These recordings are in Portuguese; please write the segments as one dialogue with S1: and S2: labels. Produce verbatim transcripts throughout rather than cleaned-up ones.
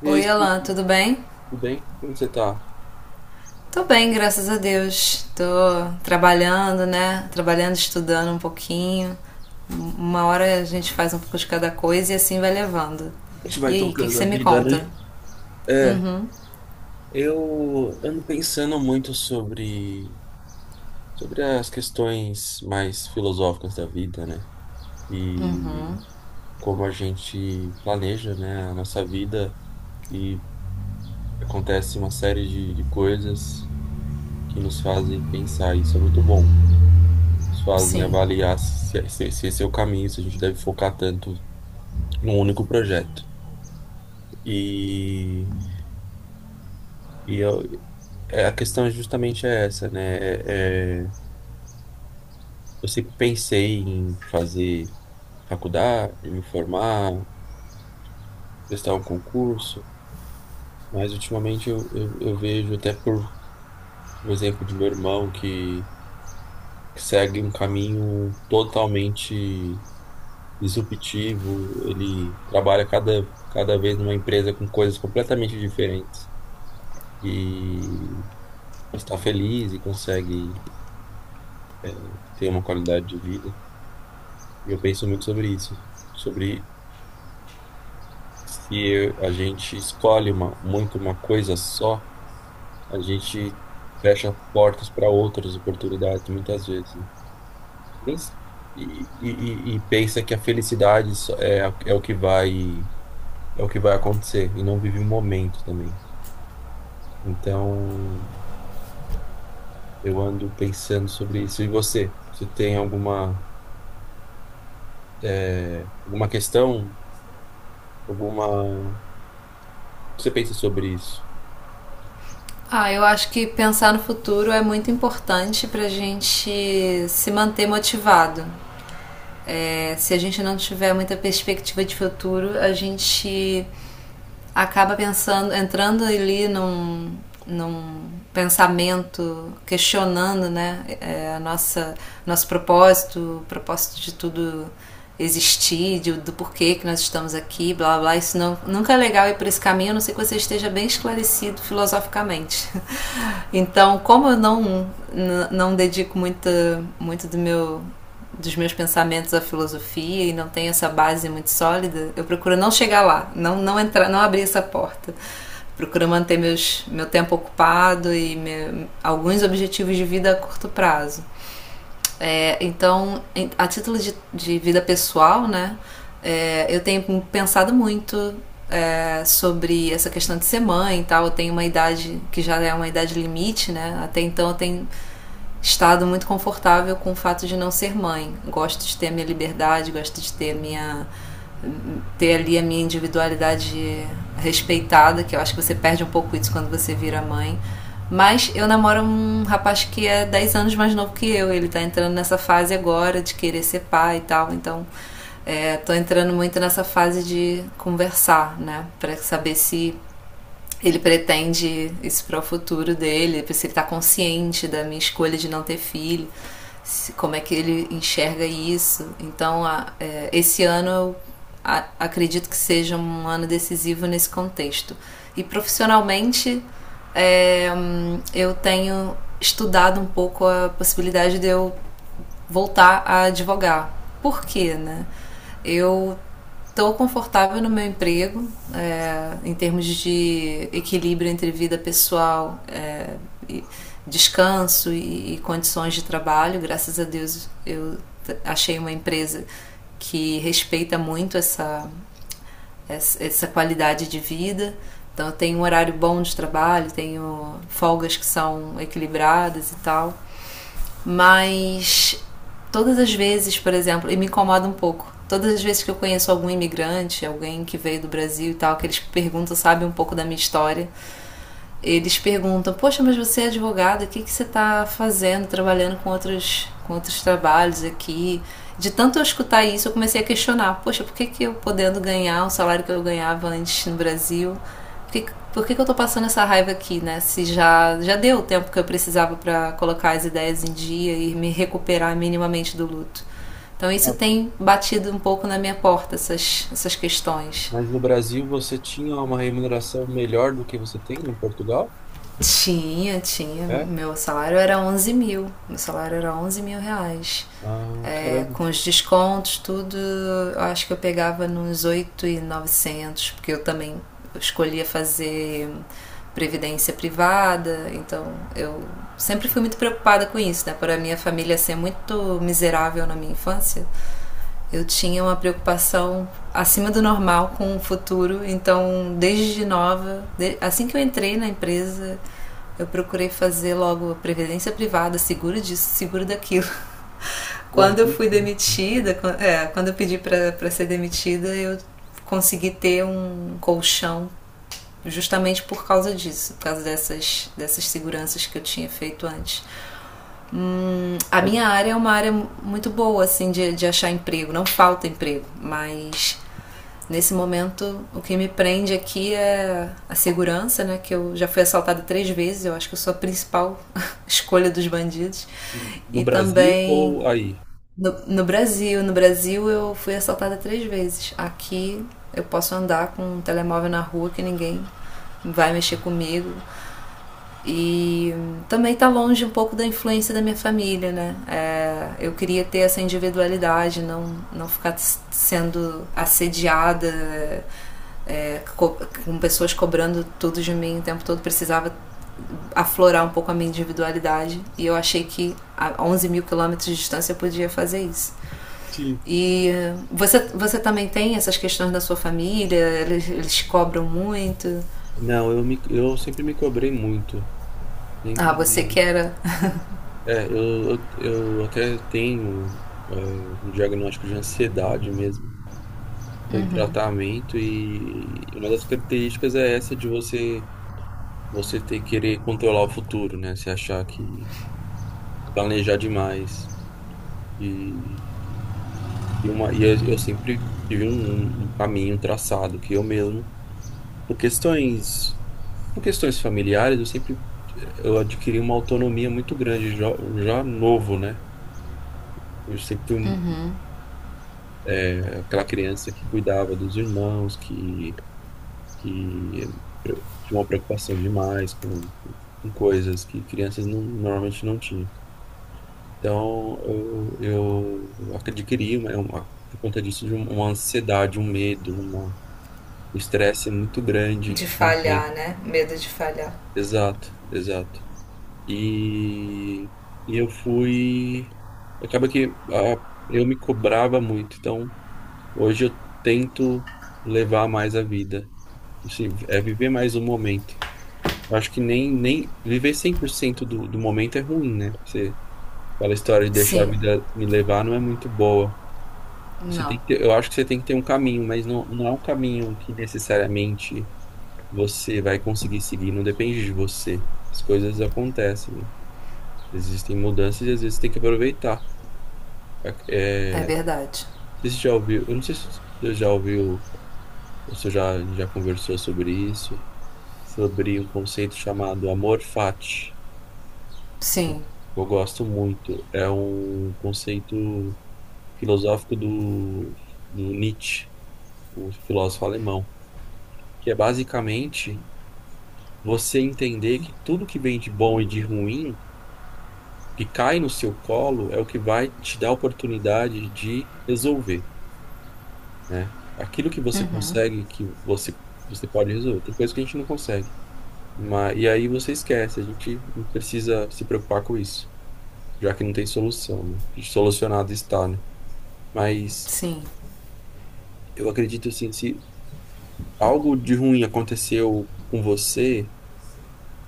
S1: E aí,
S2: Oi, Alan,
S1: Suzy,
S2: tudo bem?
S1: tudo bem? Como você tá?
S2: Tô bem, graças a Deus. Tô trabalhando, né? Trabalhando, estudando um pouquinho. Um- Uma hora a gente faz um pouco de cada coisa e assim vai levando.
S1: A gente vai
S2: E aí, o que, que
S1: tocando a
S2: você me
S1: vida,
S2: conta?
S1: né? É, eu ando pensando muito sobre, sobre as questões mais filosóficas da vida, né? E como a gente planeja, né, a nossa vida e acontece uma série de, de coisas que nos fazem pensar, isso é muito bom. Nos fazem
S2: Sim.
S1: avaliar se, se, se esse é o caminho, se a gente deve focar tanto num único projeto. E. E eu, É, a questão justamente é essa, né? É, é, eu sempre pensei em fazer faculdade, em me formar, prestar um concurso, mas ultimamente eu, eu, eu vejo até por o exemplo do meu irmão que, que segue um caminho totalmente disruptivo. Ele trabalha cada, cada vez numa empresa com coisas completamente diferentes e está feliz e consegue ter uma qualidade de vida. E eu penso muito sobre isso, sobre se a gente escolhe uma, muito uma coisa só, a gente fecha portas para outras oportunidades, muitas vezes. Nem s- E, e, e e pensa que a felicidade só- é, a- é o que vai, é o que vai acontecer, e não vive o momento também. Então, eu ando pensando sobre isso. E você? Você tem alguma, é, alguma questão? Alguma... Você pensa sobre isso?
S2: Ah, eu acho que pensar no futuro é muito importante pra gente se manter motivado. É, se a gente não tiver muita perspectiva de futuro, a gente acaba pensando, entrando ali num, num, pensamento, questionando, né, é, a nossa, nosso propósito, o propósito de tudo existir, de, do porquê que nós estamos aqui, blá blá blá. Isso não, nunca é legal ir por esse caminho, a não ser que você esteja bem esclarecido filosoficamente. Então, como eu não, não, dedico muita, muito do meu dos meus pensamentos à filosofia e não tenho essa base muito sólida, eu procuro não chegar lá, não, não entrar, não abrir essa porta. Procuro manter meus, meu tempo ocupado e meu, alguns objetivos de vida a curto prazo. É, então, a título de, de vida pessoal, né, é, eu tenho pensado muito, é, sobre essa questão de ser mãe e tal. Eu tenho uma idade que já é uma idade limite, né? Até então eu tenho estado muito confortável com o fato de não ser mãe. Gosto de ter a minha liberdade, gosto de ter minha ter ali a minha individualidade respeitada, que eu acho que você perde um pouco isso quando você vira mãe. Mas eu namoro um rapaz que é dez anos mais novo que eu, ele tá entrando nessa fase agora de querer ser pai e tal, então é, tô entrando muito nessa fase de conversar, né, para saber se ele pretende isso para o futuro dele, se ele está consciente da minha escolha de não ter filho, se, como é que ele enxerga isso. Então, a, é, esse ano eu, a, acredito que seja um ano decisivo nesse contexto. E profissionalmente, é, hum, eu tenho estudado um pouco a possibilidade de eu voltar a advogar. Por quê, né? Eu estou confortável no meu emprego, é, em termos de equilíbrio entre vida pessoal, é, e descanso e, e, condições de trabalho. Graças a Deus eu achei uma empresa que respeita muito essa, essa, essa qualidade de vida. Então eu tenho um horário bom de trabalho, tenho folgas que são equilibradas e tal. Mas todas as vezes, por exemplo, e me incomoda um pouco. Todas as vezes que eu conheço algum imigrante, alguém que veio do Brasil e tal, que eles perguntam, sabe, um pouco da minha história, eles perguntam: poxa, mas você é advogada, o que, que você está fazendo, trabalhando com outros, com outros trabalhos aqui? De tanto eu escutar isso, eu comecei a questionar: poxa, por que, que eu podendo ganhar o salário que eu ganhava antes no Brasil? Por que, por que, que eu estou passando essa raiva aqui, né? Se já, já deu o tempo que eu precisava para colocar as ideias em dia e me recuperar minimamente do luto. Então, isso tem batido um pouco na minha porta, essas, essas questões.
S1: Mas no Brasil você tinha uma remuneração melhor do que você tem em Portugal?
S2: Tinha, tinha.
S1: É?
S2: Meu salário era onze mil. Meu salário era onze mil reais.
S1: Ah,
S2: É,
S1: caramba.
S2: com os descontos, tudo, eu acho que eu pegava nos oito mil e novecentos, porque eu também escolhia fazer previdência privada, então eu sempre fui muito preocupada com isso, né? Por a minha família ser muito miserável na minha infância, eu tinha uma preocupação acima do normal com o futuro, então desde nova, assim que eu entrei na empresa, eu procurei fazer logo previdência privada, seguro disso, seguro daquilo.
S1: Uns
S2: Quando eu
S1: demais,
S2: fui
S1: sim.
S2: demitida, é, quando eu pedi para ser demitida, eu consegui ter um colchão justamente por causa disso, por causa dessas, dessas seguranças que eu tinha feito antes. Hum, a
S1: Mas...
S2: minha área é uma área muito boa, assim, de, de achar emprego. Não falta emprego, mas nesse momento o que me prende aqui é a segurança, né? Que eu já fui assaltada três vezes, eu acho que eu sou a principal escolha dos bandidos.
S1: No
S2: E
S1: Brasil
S2: também
S1: ou aí?
S2: no, no Brasil. No Brasil eu fui assaltada três vezes. Aqui eu posso andar com um telemóvel na rua que ninguém vai mexer comigo. E também tá longe um pouco da influência da minha família, né? É, eu queria ter essa individualidade, não, não ficar sendo assediada, é, co com pessoas cobrando tudo de mim o tempo todo. Precisava aflorar um pouco a minha individualidade e eu achei que a onze mil quilômetros de distância eu podia fazer isso.
S1: Sim.
S2: E você, você também tem essas questões da sua família? Eles, eles cobram muito?
S1: Não, eu, me, eu sempre me cobrei muito.
S2: Ah,
S1: Sempre
S2: você que
S1: me...
S2: era
S1: É, eu, eu, eu até tenho, é, um diagnóstico de ansiedade mesmo. Estou em tratamento, e uma das características é essa de você você ter, querer controlar o futuro, né? Você achar que planejar demais. E... E, uma, e eu, eu sempre tive um, um caminho um traçado que eu mesmo, por questões, por questões familiares, eu sempre eu adquiri uma autonomia muito grande já, já novo, né? Eu sempre fui um- é, aquela criança que cuidava dos irmãos, que, que pre- tinha uma preocupação demais com, com coisas que crianças não, normalmente não tinham. Então, eu, eu adquiri uma, uma- por conta disso, de uma ansiedade, um medo. O estresse é muito
S2: de
S1: grande.
S2: falhar,
S1: Ontem...
S2: né? Medo de falhar.
S1: Exato, exato. E, e eu fui... Acaba que, ah, eu me cobrava muito. Então, hoje eu tento levar mais a vida. Assim, é viver mais o momento. Eu acho que nem, nem viver cem por cento do, do momento é ruim, né? Você... aquela história de deixar a
S2: Sim,
S1: vida me levar não é muito boa. Você
S2: não.
S1: tem que ter... eu acho que você tem que ter um caminho, mas não, não é um caminho que necessariamente você vai conseguir seguir, não depende de você. As coisas acontecem, né? Existem mudanças e às vezes tem que aproveitar.
S2: É
S1: É, é,
S2: verdade.
S1: você já ouviu... eu não sei se você já ouviu, ou se já, já conversou sobre isso, sobre um conceito chamado amor fati.
S2: Sim,
S1: Eu gosto muito, é um conceito filosófico do, do Nietzsche, o filósofo alemão, que é basicamente você entender que tudo que vem de bom e de ruim que cai no seu colo é o que vai te dar a oportunidade de resolver, né? Aquilo que você consegue, que você, você pode resolver. Tem coisa que a gente não consegue. Mas, e aí você esquece, a gente não precisa se preocupar com isso, já que não tem solução, né? E solucionado está, né? Mas
S2: sim.
S1: eu acredito assim, se algo de ruim aconteceu com você...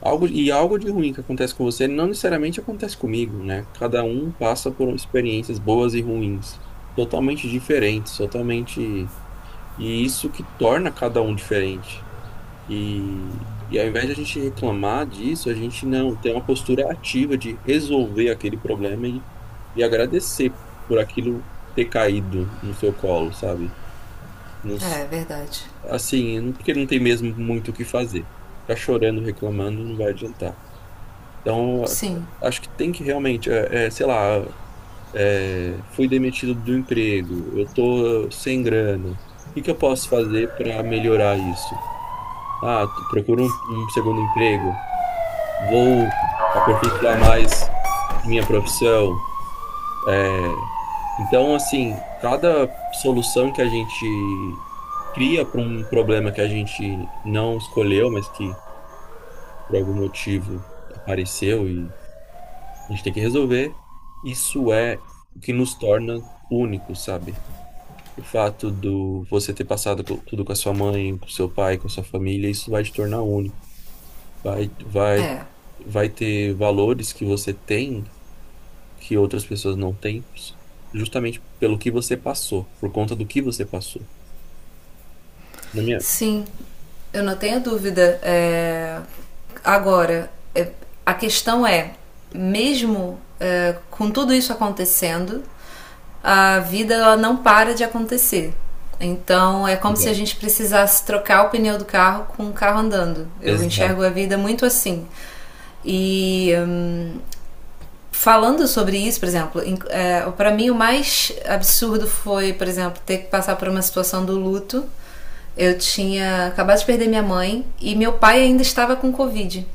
S1: algo, e algo de ruim que acontece com você não necessariamente acontece comigo, né? Cada um passa por experiências boas e ruins totalmente diferentes, totalmente. E isso que torna cada um diferente. E e ao invés de a gente reclamar disso, a gente não tem uma postura ativa de resolver aquele problema e, e agradecer por aquilo ter caído no seu colo, sabe? Não s-
S2: É verdade.
S1: assim, porque não tem mesmo muito o que fazer. Ficar chorando, reclamando, não vai adiantar. Então,
S2: Sim,
S1: acho que tem que realmente, é, é, sei lá, é, fui demitido do emprego, eu tô sem grana. O que que eu posso fazer para melhorar isso? Ah, t- procuro um, um segundo emprego, vou aperfeiçoar mais minha profissão. Então, assim, cada solução que a gente cria para um problema que a gente não escolheu, mas que por algum motivo apareceu, a gente tem que resolver. Isso é o que nos torna únicos, sabe? O fato do você ter passado co- tudo com a sua mãe, com seu pai, com a sua família, isso vai te tornar único. Vai, vai,
S2: é.
S1: vai ter valores que você tem que outras pessoas não têm, justamente pelo que você passou, por conta do que você passou. Na minha...
S2: Sim, eu não tenho dúvida. É, Agora, é, a questão é: mesmo é, com tudo isso acontecendo, a vida, ela não para de acontecer. Então é como se a
S1: Exato.
S2: gente precisasse trocar o pneu do carro com o carro andando. Eu
S1: Exato.
S2: enxergo a vida muito assim. E hum, falando sobre isso, por exemplo, é, para mim o mais absurdo foi, por exemplo, ter que passar por uma situação do luto. Eu tinha acabado de perder minha mãe e meu pai ainda estava com Covid.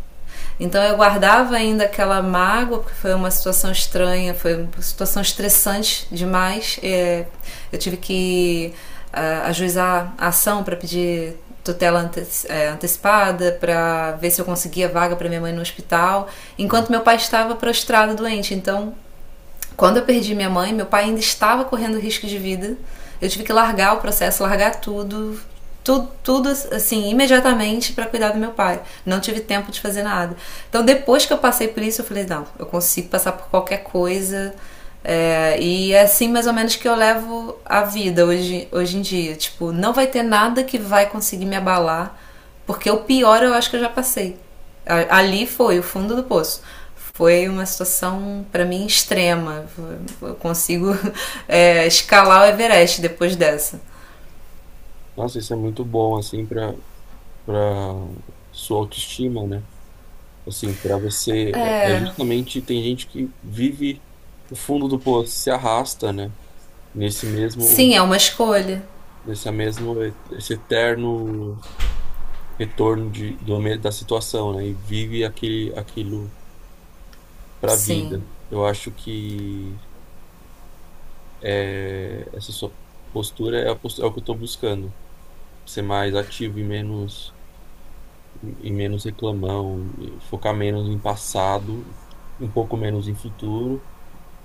S2: Então eu guardava ainda aquela mágoa, porque foi uma situação estranha, foi uma situação estressante demais. É, eu tive que uh, ajuizar a ação para pedir tutela antes, é, antecipada, para ver se eu conseguia vaga para minha mãe no hospital, enquanto meu pai estava prostrado doente. Então quando eu perdi minha mãe, meu pai ainda estava correndo risco de vida. Eu tive que largar o processo, largar tudo, tudo, tudo assim, imediatamente, para cuidar do meu pai. Não tive tempo de fazer nada. Então, depois que eu passei por isso, eu falei: não, eu consigo passar por qualquer coisa. É, e é assim mais ou menos que eu levo a vida hoje, hoje em dia. Tipo, não vai ter nada que vai conseguir me abalar, porque o pior eu acho que eu já passei. Ali foi o fundo do poço. Foi uma situação para mim extrema. Eu consigo é, escalar o Everest depois dessa.
S1: Nossa, isso é muito bom, assim, para... para sua autoestima, né? Assim, para você, é... é justamente tem gente que vive o fundo do poço, se arrasta, né? Nesse mesmo,
S2: Sim, é uma escolha.
S1: nesse mesmo, esse eterno retorno de, do, me- da situação, né? E vive aquele, aquilo para a
S2: Sim,
S1: vida. Eu acho que, é, essa sua postura, é, a postura, é o que eu estou buscando. Ser mais ativo e menos, e menos, reclamão, e focar menos em passado, um pouco menos em futuro.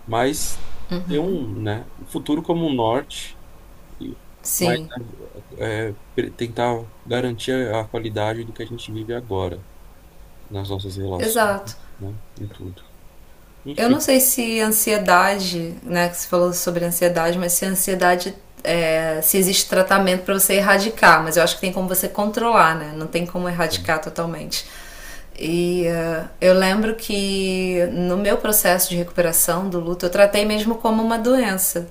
S1: Mas ter um, né, um futuro como um norte, e- mas,
S2: sim,
S1: é, pre- tentar garantir a qualidade do que a gente vive agora, nas nossas relações,
S2: exato.
S1: né, em tudo.
S2: Eu não
S1: Enfim,
S2: sei se ansiedade, né, que você falou sobre ansiedade, mas se ansiedade, é, se existe tratamento para você erradicar, mas eu acho que tem como você controlar, né? Não tem como
S1: bem,
S2: erradicar totalmente. E uh, eu lembro que no meu processo de recuperação do luto, eu tratei mesmo como uma doença,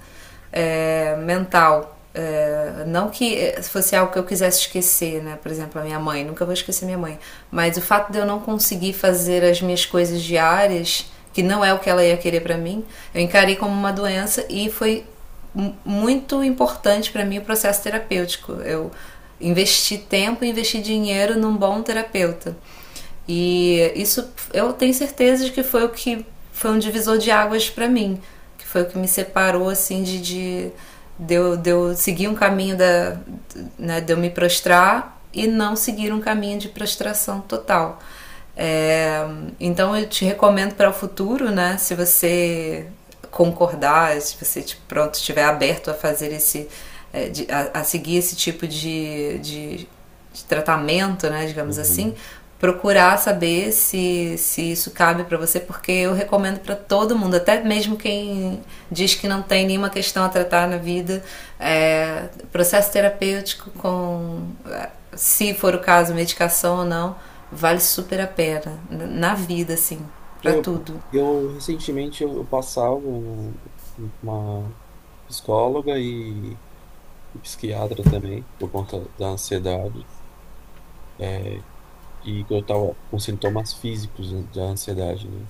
S2: é, mental. É, não que fosse algo que eu quisesse esquecer, né? Por exemplo, a minha mãe, nunca vou esquecer minha mãe. Mas o fato de eu não conseguir fazer as minhas coisas diárias, que não é o que ela ia querer para mim, eu encarei como uma doença, e foi muito importante para mim o processo terapêutico. Eu investi tempo, investi dinheiro num bom terapeuta. E isso eu tenho certeza de que foi o que foi um divisor de águas para mim, que foi o que me separou assim de, de, de, eu, de eu seguir um caminho da, né, de eu me prostrar e não seguir um caminho de prostração total. É, então eu te recomendo para o futuro, né? Se você concordar, se você tipo, pronto, estiver aberto a fazer esse, é, a, a seguir esse tipo de, de- de tratamento, né? Digamos
S1: não vamos.
S2: assim, procurar saber se, se isso cabe para você, porque eu recomendo para todo mundo, até mesmo quem diz que não tem nenhuma questão a tratar na vida, é, processo terapêutico, com, se for o caso, medicação ou não, vale super a pena. Na vida, assim, pra
S1: eu,
S2: tudo.
S1: eu recentemente eu eu passava um- uma psicóloga e, e psiquiatra também, por conta da ansiedade, é, e que eu estava com sintomas físicos da ansiedade, né?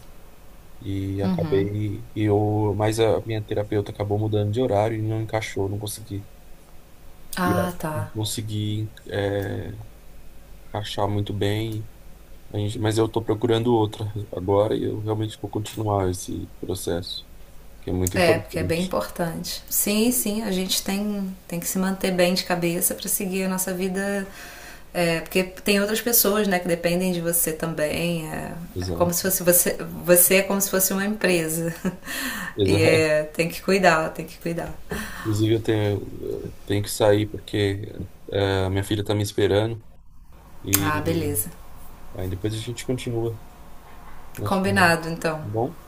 S1: E acabei, e eu, mas a minha terapeuta acabou mudando de horário e não encaixou, não consegui. E
S2: Ah,
S1: eu não
S2: tá.
S1: consegui, é, encaixar muito bem, a gente- mas eu estou procurando outra agora e eu realmente vou continuar esse processo, que é muito
S2: É, porque é bem
S1: importante.
S2: importante. Sim, sim, a gente tem, tem, que se manter bem de cabeça pra seguir a nossa vida. É, porque tem outras pessoas, né, que dependem de você também. É, é como
S1: Exato.
S2: se fosse você, você é como se fosse uma empresa. E
S1: Exato.
S2: é, tem que cuidar, tem que cuidar.
S1: Inclusive, eu tenho, eu tenho que sair porque, é, a minha filha está me esperando,
S2: Ah,
S1: e
S2: beleza.
S1: aí depois a gente continua nosso... tá
S2: Combinado, então.
S1: bom?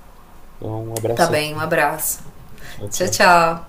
S1: Então, um
S2: Tá
S1: abraço.
S2: bem, um abraço.
S1: Tchau,
S2: Tchau,
S1: tchau.
S2: tchau.